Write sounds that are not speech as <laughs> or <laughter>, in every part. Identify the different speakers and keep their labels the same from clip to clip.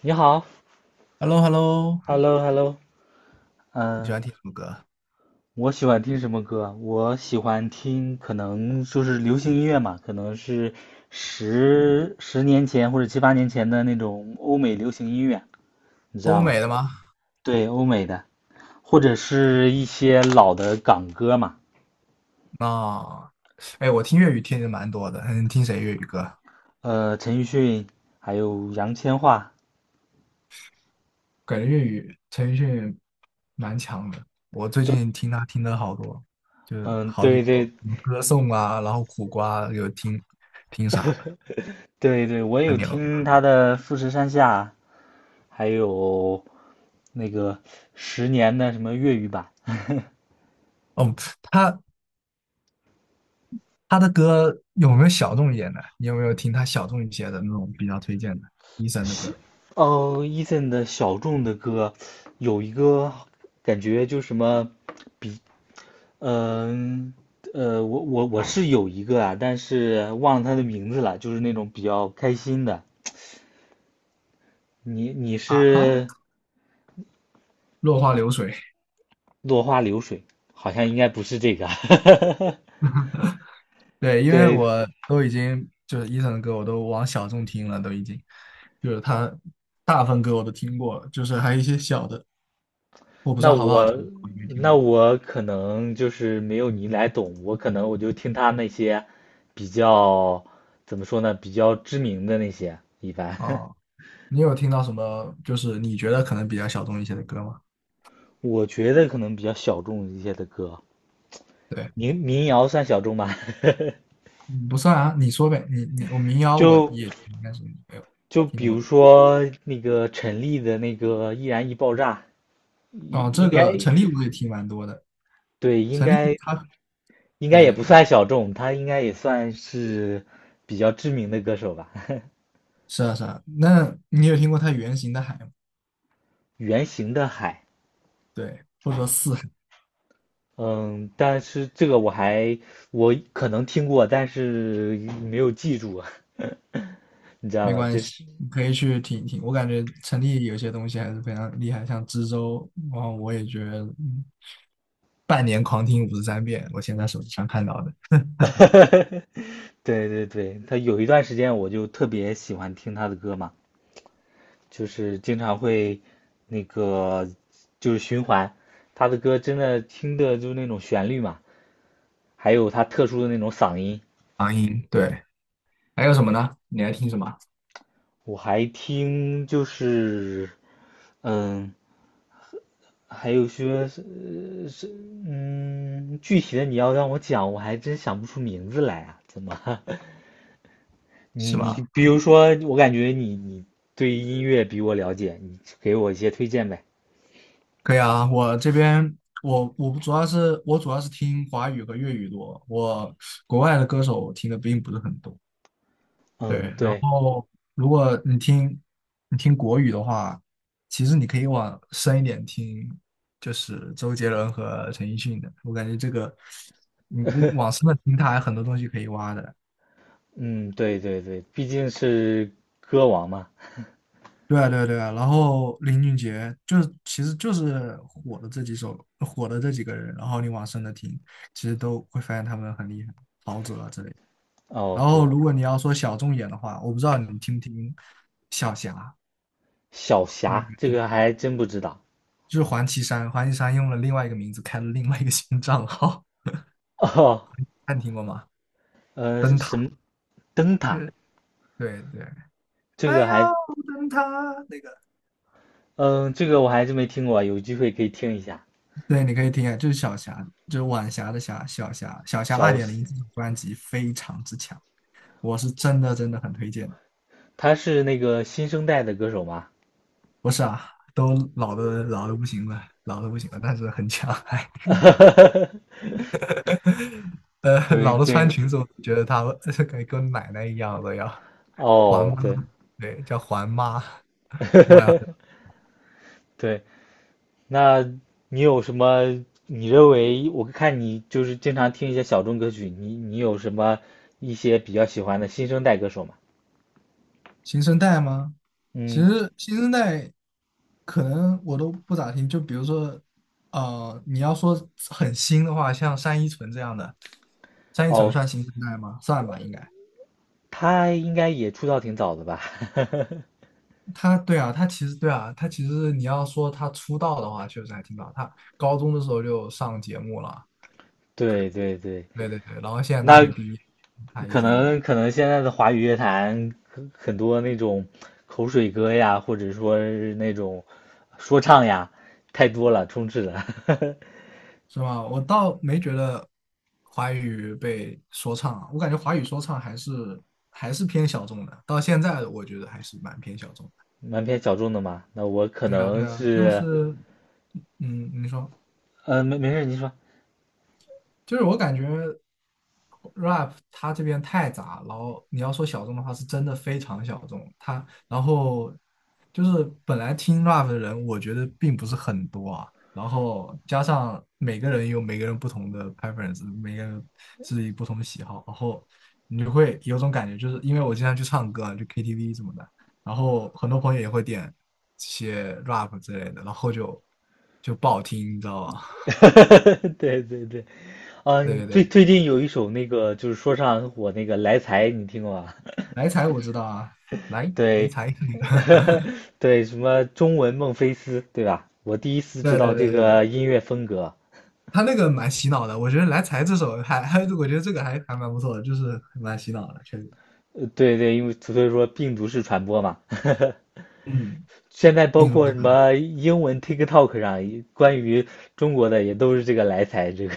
Speaker 1: 你好
Speaker 2: hello hello
Speaker 1: ，Hello，Hello，
Speaker 2: 你喜
Speaker 1: 嗯，
Speaker 2: 欢听什么歌？
Speaker 1: 我喜欢听什么歌？我喜欢听，可能就是流行音乐嘛，可能是十年前或者七八年前的那种欧美流行音乐，你知
Speaker 2: 欧
Speaker 1: 道吗？
Speaker 2: 美的吗？
Speaker 1: 对，欧美的，或者是一些老的港歌嘛，
Speaker 2: 那、哎，我听粤语听的蛮多的。嗯，听谁粤语歌？
Speaker 1: 陈奕迅，还有杨千嬅，
Speaker 2: 感觉粤语陈奕迅蛮强的。我最近听他听的好多，就是
Speaker 1: 嗯，
Speaker 2: 好几
Speaker 1: 对
Speaker 2: 首，
Speaker 1: 对
Speaker 2: 什么歌颂啊，然后苦瓜有听，听啥了？
Speaker 1: 对对，我也有
Speaker 2: 很牛。
Speaker 1: 听他的《富士山下》，还有那个十年的什么粤语版。<laughs>
Speaker 2: 哦，他他的歌有没有小众一点的？你有没有听他小众一些的那种比较推荐的？医生的歌
Speaker 1: 哦，Eason 的小众的歌，有一个感觉就什么，嗯，我是有一个啊，但是忘了他的名字了，就是那种比较开心的。你你
Speaker 2: 啊哈，
Speaker 1: 是
Speaker 2: 落花流水。
Speaker 1: 落花流水，好像应该不是这个。<laughs>
Speaker 2: 对，因为
Speaker 1: 对，
Speaker 2: 我都已经就是伊森的歌，我都往小众听了，都已经就是他大部分歌我都听过了，就是还有一些小的，我不知
Speaker 1: 那
Speaker 2: 道好不好
Speaker 1: 我
Speaker 2: 听，我没听
Speaker 1: 那
Speaker 2: 过。
Speaker 1: 我可能就是没有你来懂，我可能我就听他那些比较怎么说呢，比较知名的那些一般。<laughs>
Speaker 2: 哦，你有听到什么就是你觉得可能比较小众一些的歌吗？
Speaker 1: 我觉得可能比较小众一些的歌，
Speaker 2: 对，
Speaker 1: 民谣算小众吧。<laughs>
Speaker 2: 嗯不算啊，你说呗，你我民谣我
Speaker 1: 就
Speaker 2: 也应该是没有
Speaker 1: 就
Speaker 2: 听
Speaker 1: 比
Speaker 2: 那么
Speaker 1: 如
Speaker 2: 多。
Speaker 1: 说那个陈粒的那个《易燃易爆炸》，
Speaker 2: 哦，
Speaker 1: 应
Speaker 2: 这
Speaker 1: 应该
Speaker 2: 个陈粒我也听蛮多的，
Speaker 1: 对，应
Speaker 2: 陈粒
Speaker 1: 该
Speaker 2: 他，
Speaker 1: 应该
Speaker 2: 对
Speaker 1: 也
Speaker 2: 对
Speaker 1: 不
Speaker 2: 对，
Speaker 1: 算小众，他应该也算是比较知名的歌手吧。<laughs>
Speaker 2: 是啊是啊，那你有听过他原型的海吗？
Speaker 1: 圆形的海，
Speaker 2: 对，或者说四。
Speaker 1: 嗯，但是这个我还我可能听过，但是没有记住啊，<laughs> 你知道
Speaker 2: 没
Speaker 1: 吧？
Speaker 2: 关
Speaker 1: 就是。
Speaker 2: 系，你可以去听一听。我感觉城里有些东西还是非常厉害，像知州，然后我也觉得，半年狂听53遍，我现在手机上看到的
Speaker 1: <laughs> 对对对，他有一段时间我就特别喜欢听他的歌嘛，就是经常会那个就是循环，他的歌真的听的就是那种旋律嘛，还有他特殊的那种嗓音，
Speaker 2: 长音。对，还有什么呢？你还听什么？
Speaker 1: 我还听就是嗯，还有说是具体的你要让我讲，我还真想不出名字来啊，怎么？<laughs> 你
Speaker 2: 是吗？
Speaker 1: 你比如说，我感觉你你对音乐比我了解，你给我一些推荐呗。
Speaker 2: 可以啊，我这边我主要是听华语和粤语多，我国外的歌手我听的并不是很多。
Speaker 1: 嗯，
Speaker 2: 对，然
Speaker 1: 对，
Speaker 2: 后如果你听国语的话，其实你可以往深一点听，就是周杰伦和陈奕迅的。我感觉这个你往深的听，他还有很多东西可以挖的。
Speaker 1: 嗯，对对对，毕竟是歌王嘛。
Speaker 2: 对啊，对啊，对啊。然后林俊杰就是其实就是火的这几首，火的这几个人，然后你往深的听，其实都会发现他们很厉害，陶喆啊之类的。
Speaker 1: 哦，
Speaker 2: 然后
Speaker 1: 对，
Speaker 2: 如果你要说小众一点的话，我不知道你听不听小霞，
Speaker 1: 小
Speaker 2: 你有没
Speaker 1: 霞
Speaker 2: 有
Speaker 1: 这
Speaker 2: 听？
Speaker 1: 个还真不知道。
Speaker 2: 就是黄绮珊，黄绮珊用了另外一个名字开了另外一个新账号，
Speaker 1: 哦，
Speaker 2: 你听过吗？灯塔，
Speaker 1: 什么灯塔？
Speaker 2: 对对对，
Speaker 1: 这个
Speaker 2: 哎呦，
Speaker 1: 还，
Speaker 2: 灯塔那个，
Speaker 1: 嗯，这个我还真没听过，有机会可以听一下。
Speaker 2: 对，你可以听啊，就是小霞，就是晚霞的霞，小霞，小霞二
Speaker 1: 小，
Speaker 2: 点零这张专辑非常之强，我是真的真的很推荐。
Speaker 1: 他是那个新生代的歌手吗？
Speaker 2: 不是啊，都老的老的不行了，老的不行了，但是很强，还
Speaker 1: <laughs>
Speaker 2: <laughs> 呃，
Speaker 1: 对
Speaker 2: 老的
Speaker 1: 对，
Speaker 2: 穿裙子，我觉得她 <laughs> 以跟奶奶一样的要环
Speaker 1: 哦，
Speaker 2: 妈，
Speaker 1: 对
Speaker 2: 对，叫环妈，外
Speaker 1: 对，那你有什么？你认为我看你就是经常听一些小众歌曲，你你有什么一些比较喜欢的新生代歌手吗？
Speaker 2: 新生代吗？其
Speaker 1: 嗯，
Speaker 2: 实新生代可能我都不咋听，就比如说，你要说很新的话，像单依纯这样的，单依纯
Speaker 1: 哦，
Speaker 2: 算新生代吗？算吧，应该。
Speaker 1: 他应该也出道挺早的吧？
Speaker 2: 他对啊，他其实对啊，他其实你要说他出道的话，确实还挺早，他高中的时候就上节目了，
Speaker 1: <laughs> 对对对，
Speaker 2: 对对对，然后现在大
Speaker 1: 那
Speaker 2: 学毕业，他已
Speaker 1: 可
Speaker 2: 经
Speaker 1: 能可能现在的华语乐坛很多那种口水歌呀，或者说是那种说唱呀，太多了，充斥了，<laughs>
Speaker 2: 是吧？我倒没觉得华语被说唱啊，我感觉华语说唱还是偏小众的，到现在我觉得还是蛮偏小众的。
Speaker 1: 蛮偏小众的嘛。那我可
Speaker 2: 对啊，
Speaker 1: 能
Speaker 2: 对啊，就
Speaker 1: 是，
Speaker 2: 是，你说，
Speaker 1: 嗯，没事，您说。
Speaker 2: 就是我感觉 rap 它这边太杂，然后你要说小众的话，是真的非常小众。它然后就是本来听 rap 的人，我觉得并不是很多啊。然后加上每个人有每个人不同的 preference，每个人自己不同的喜好，然后你就会有种感觉，就是因为我经常去唱歌啊，就 KTV 什么的，然后很多朋友也会点一些 rap 之类的，然后就不好听，你知道吧？
Speaker 1: <laughs> 对对对，
Speaker 2: <laughs> 对
Speaker 1: 嗯、
Speaker 2: 对
Speaker 1: 最
Speaker 2: 对。
Speaker 1: 最近有一首那个就是说唱很火那个《来财》，你听过吗？
Speaker 2: 来财我知道啊，来
Speaker 1: <laughs>
Speaker 2: 来
Speaker 1: 对，
Speaker 2: 财，<laughs>
Speaker 1: <laughs> 对，什么中文孟菲斯，对吧？我第一次知
Speaker 2: 对
Speaker 1: 道
Speaker 2: 对
Speaker 1: 对
Speaker 2: 对
Speaker 1: 这
Speaker 2: 对，
Speaker 1: 个音乐风格。
Speaker 2: 他那个蛮洗脑的，我觉得《来财》这首还，我觉得这个还蛮不错的，就是蛮洗脑的，确实。
Speaker 1: 对对，因为所以说病毒式传播嘛。<laughs>
Speaker 2: 嗯，
Speaker 1: 现在包
Speaker 2: 并不
Speaker 1: 括
Speaker 2: 是
Speaker 1: 什
Speaker 2: 很，
Speaker 1: 么英文 TikTok 上关于中国的也都是这个来财，这个，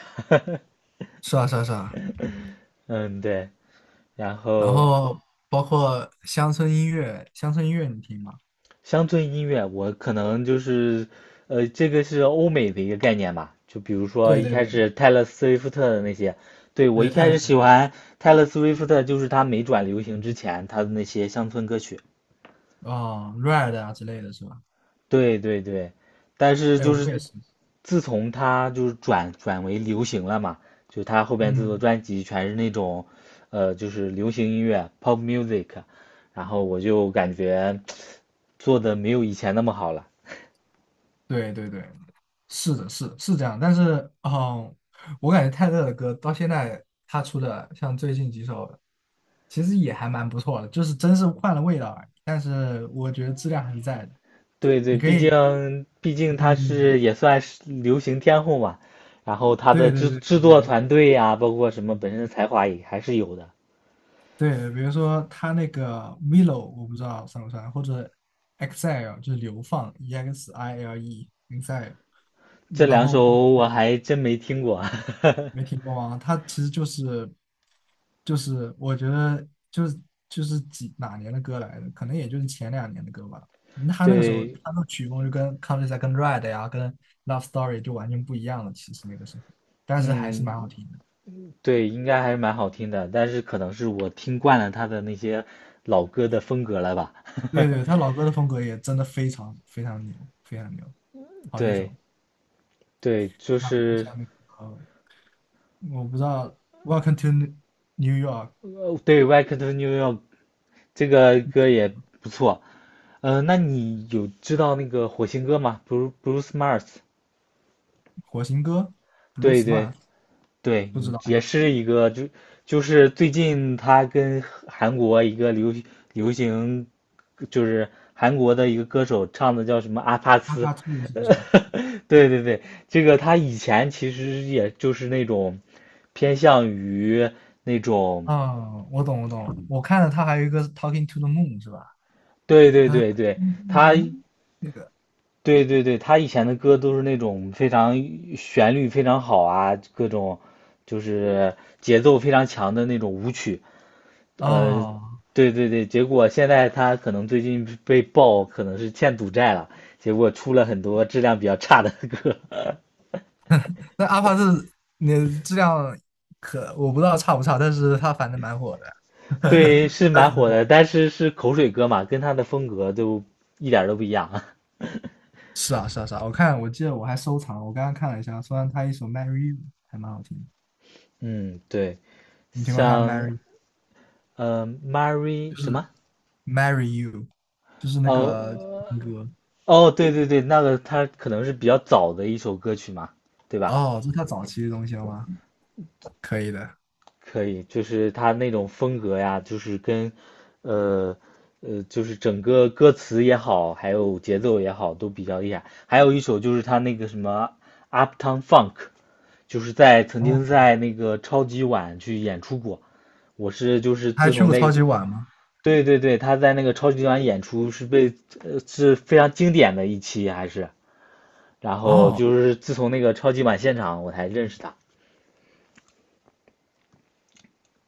Speaker 2: 是啊是啊是啊。
Speaker 1: <laughs> 嗯，对。然
Speaker 2: 然
Speaker 1: 后
Speaker 2: 后包括乡村音乐，乡村音乐你听吗？
Speaker 1: 乡村音乐，我可能就是，这个是欧美的一个概念吧。就比如说
Speaker 2: 对
Speaker 1: 一
Speaker 2: 对
Speaker 1: 开
Speaker 2: 对
Speaker 1: 始泰勒·斯威夫特的那些，对，我
Speaker 2: 对，
Speaker 1: 一
Speaker 2: 泰
Speaker 1: 开始
Speaker 2: 勒的
Speaker 1: 喜
Speaker 2: 歌，
Speaker 1: 欢泰勒·斯威夫特，就是他没转流行之前他的那些乡村歌曲。
Speaker 2: 哦，Red 啊之类的是吧？
Speaker 1: 对对对，但是
Speaker 2: 哎，
Speaker 1: 就
Speaker 2: 我
Speaker 1: 是
Speaker 2: 也是，
Speaker 1: 自从他就是转为流行了嘛，就他后边制作
Speaker 2: 嗯，
Speaker 1: 专辑全是那种，就是流行音乐（ （pop music），然后我就感觉做的没有以前那么好了。
Speaker 2: 对对对，是的，是这样，但是，嗯，我感觉泰勒的歌到现在他出的，像最近几首，其实也还蛮不错的，就是真是换了味道而已。但是我觉得质量还是在的。
Speaker 1: 对对，
Speaker 2: 你可
Speaker 1: 毕
Speaker 2: 以，
Speaker 1: 竟毕竟他
Speaker 2: 嗯，
Speaker 1: 是也算是流行天后嘛，然后他
Speaker 2: 对
Speaker 1: 的
Speaker 2: 对
Speaker 1: 制
Speaker 2: 对对
Speaker 1: 制作
Speaker 2: 对
Speaker 1: 团队呀、包括什么本身的才华也还是有的。
Speaker 2: 对，比如说他那个 Milo，我不知道算不算，或者 Exile 就是流放，EXILE Exile，
Speaker 1: 这
Speaker 2: 然
Speaker 1: 两
Speaker 2: 后包。
Speaker 1: 首我还真没听过，<laughs>
Speaker 2: 没听过啊，它其实就是我觉得就是几哪年的歌来的，可能也就是前两年的歌吧。他那个时候
Speaker 1: 对，
Speaker 2: 他的曲风就跟 countrside 跟 Red 呀、跟 Love Story 就完全不一样了。其实那个时候，但是还是蛮好
Speaker 1: 嗯，
Speaker 2: 听的。
Speaker 1: 对，应该还是蛮好听的，但是可能是我听惯了他的那些老歌的风格了吧，
Speaker 2: 对
Speaker 1: <laughs>
Speaker 2: 对，他老歌的风格也真的非常非常牛，非常牛，好几
Speaker 1: 对
Speaker 2: 首。
Speaker 1: 对，就
Speaker 2: 那我们
Speaker 1: 是
Speaker 2: 下面，呃，我不知道《Welcome to New York》
Speaker 1: 对《Welcome to New York》这个歌也不错，嗯，那你有知道那个火星哥吗？Bru c e Bruce Mars，
Speaker 2: 火星哥 Blue
Speaker 1: 对对
Speaker 2: Smart
Speaker 1: 对，
Speaker 2: 不知道哎，
Speaker 1: 也是一个是最近他跟韩国一个流行就是韩国的一个歌手唱的叫什么阿帕
Speaker 2: 阿
Speaker 1: 斯，
Speaker 2: 帕兔是不是？
Speaker 1: 对对对，这个他以前其实也就是那种偏向于那种，
Speaker 2: 嗯，我懂，我懂。我看了他还有一个 Talking to the Moon 是吧？
Speaker 1: 对对
Speaker 2: 啊
Speaker 1: 对对，
Speaker 2: ，Talking to the
Speaker 1: 他
Speaker 2: Moon 那个
Speaker 1: 对对对，他以前的歌都是那种非常旋律非常好啊，各种就是节奏非常强的那种舞曲。呃，
Speaker 2: 哦，
Speaker 1: 对对对，结果现在他可能最近被爆可能是欠赌债了，结果出了很多质量比较差的歌。
Speaker 2: 那阿帕是那质量可我不知道差不差，但是他反正蛮火的，
Speaker 1: <laughs> 对，是
Speaker 2: <laughs> 他
Speaker 1: 蛮
Speaker 2: 很
Speaker 1: 火
Speaker 2: 火。
Speaker 1: 的，但是是口水歌嘛，跟他的风格都一点儿都不一样啊。
Speaker 2: 是啊，是啊，是啊。我看我记得我还收藏了我刚刚看了一下，虽然他一首 Marry You 还蛮好听的
Speaker 1: <laughs> 嗯，对，
Speaker 2: 你听过他的
Speaker 1: 像
Speaker 2: Marry 就
Speaker 1: Mary 什
Speaker 2: 是
Speaker 1: 么？
Speaker 2: Marry You，就是那个
Speaker 1: 哦
Speaker 2: 情歌
Speaker 1: 哦，对对对，那个它可能是比较早的一首歌曲嘛，对吧？
Speaker 2: 哦，这是他早期的东西了吗？可以的。
Speaker 1: 可以，就是它那种风格呀，就是跟，呃就是整个歌词也好，还有节奏也好，都比较厉害。还有一首就是他那个什么 Uptown Funk，就是在曾
Speaker 2: 哦，
Speaker 1: 经在那个超级碗去演出过。我是就是
Speaker 2: 他还
Speaker 1: 自
Speaker 2: 去
Speaker 1: 从
Speaker 2: 过
Speaker 1: 那
Speaker 2: 超
Speaker 1: 个，
Speaker 2: 级碗吗？
Speaker 1: 对对对，他在那个超级碗演出是被，是非常经典的一期，还是。然后
Speaker 2: 哦。
Speaker 1: 就是自从那个超级碗现场，我才认识他。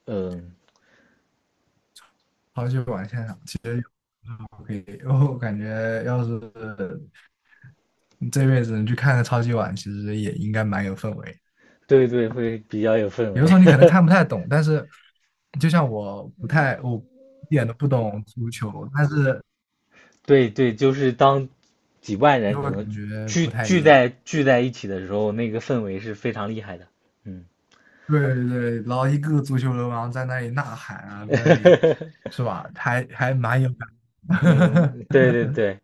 Speaker 1: 嗯，
Speaker 2: 超级碗现场，其实可以。<laughs> 我感觉要是这辈子你去看个超级碗，其实也应该蛮有氛围。
Speaker 1: 对对，会比较有氛
Speaker 2: 有
Speaker 1: 围。
Speaker 2: 的时候你可能看不太懂，但是就像我不太，我一点都不懂足球，但是
Speaker 1: <laughs> 对对，就是当几万人
Speaker 2: 就
Speaker 1: 可
Speaker 2: 会
Speaker 1: 能
Speaker 2: 感觉不
Speaker 1: 聚
Speaker 2: 太一
Speaker 1: 聚
Speaker 2: 样。
Speaker 1: 在聚在一起的时候，那个氛围是非常厉害的。嗯，
Speaker 2: 对对对，然后一个个足球流氓在那里呐喊啊，在那里
Speaker 1: <laughs>
Speaker 2: 是吧？还蛮有感。<laughs>
Speaker 1: 嗯，对对对。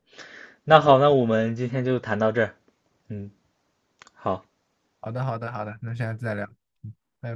Speaker 1: 那好，那我们今天就谈到这儿。嗯，好。
Speaker 2: 好的好的好的，那下次再聊，嗯拜拜。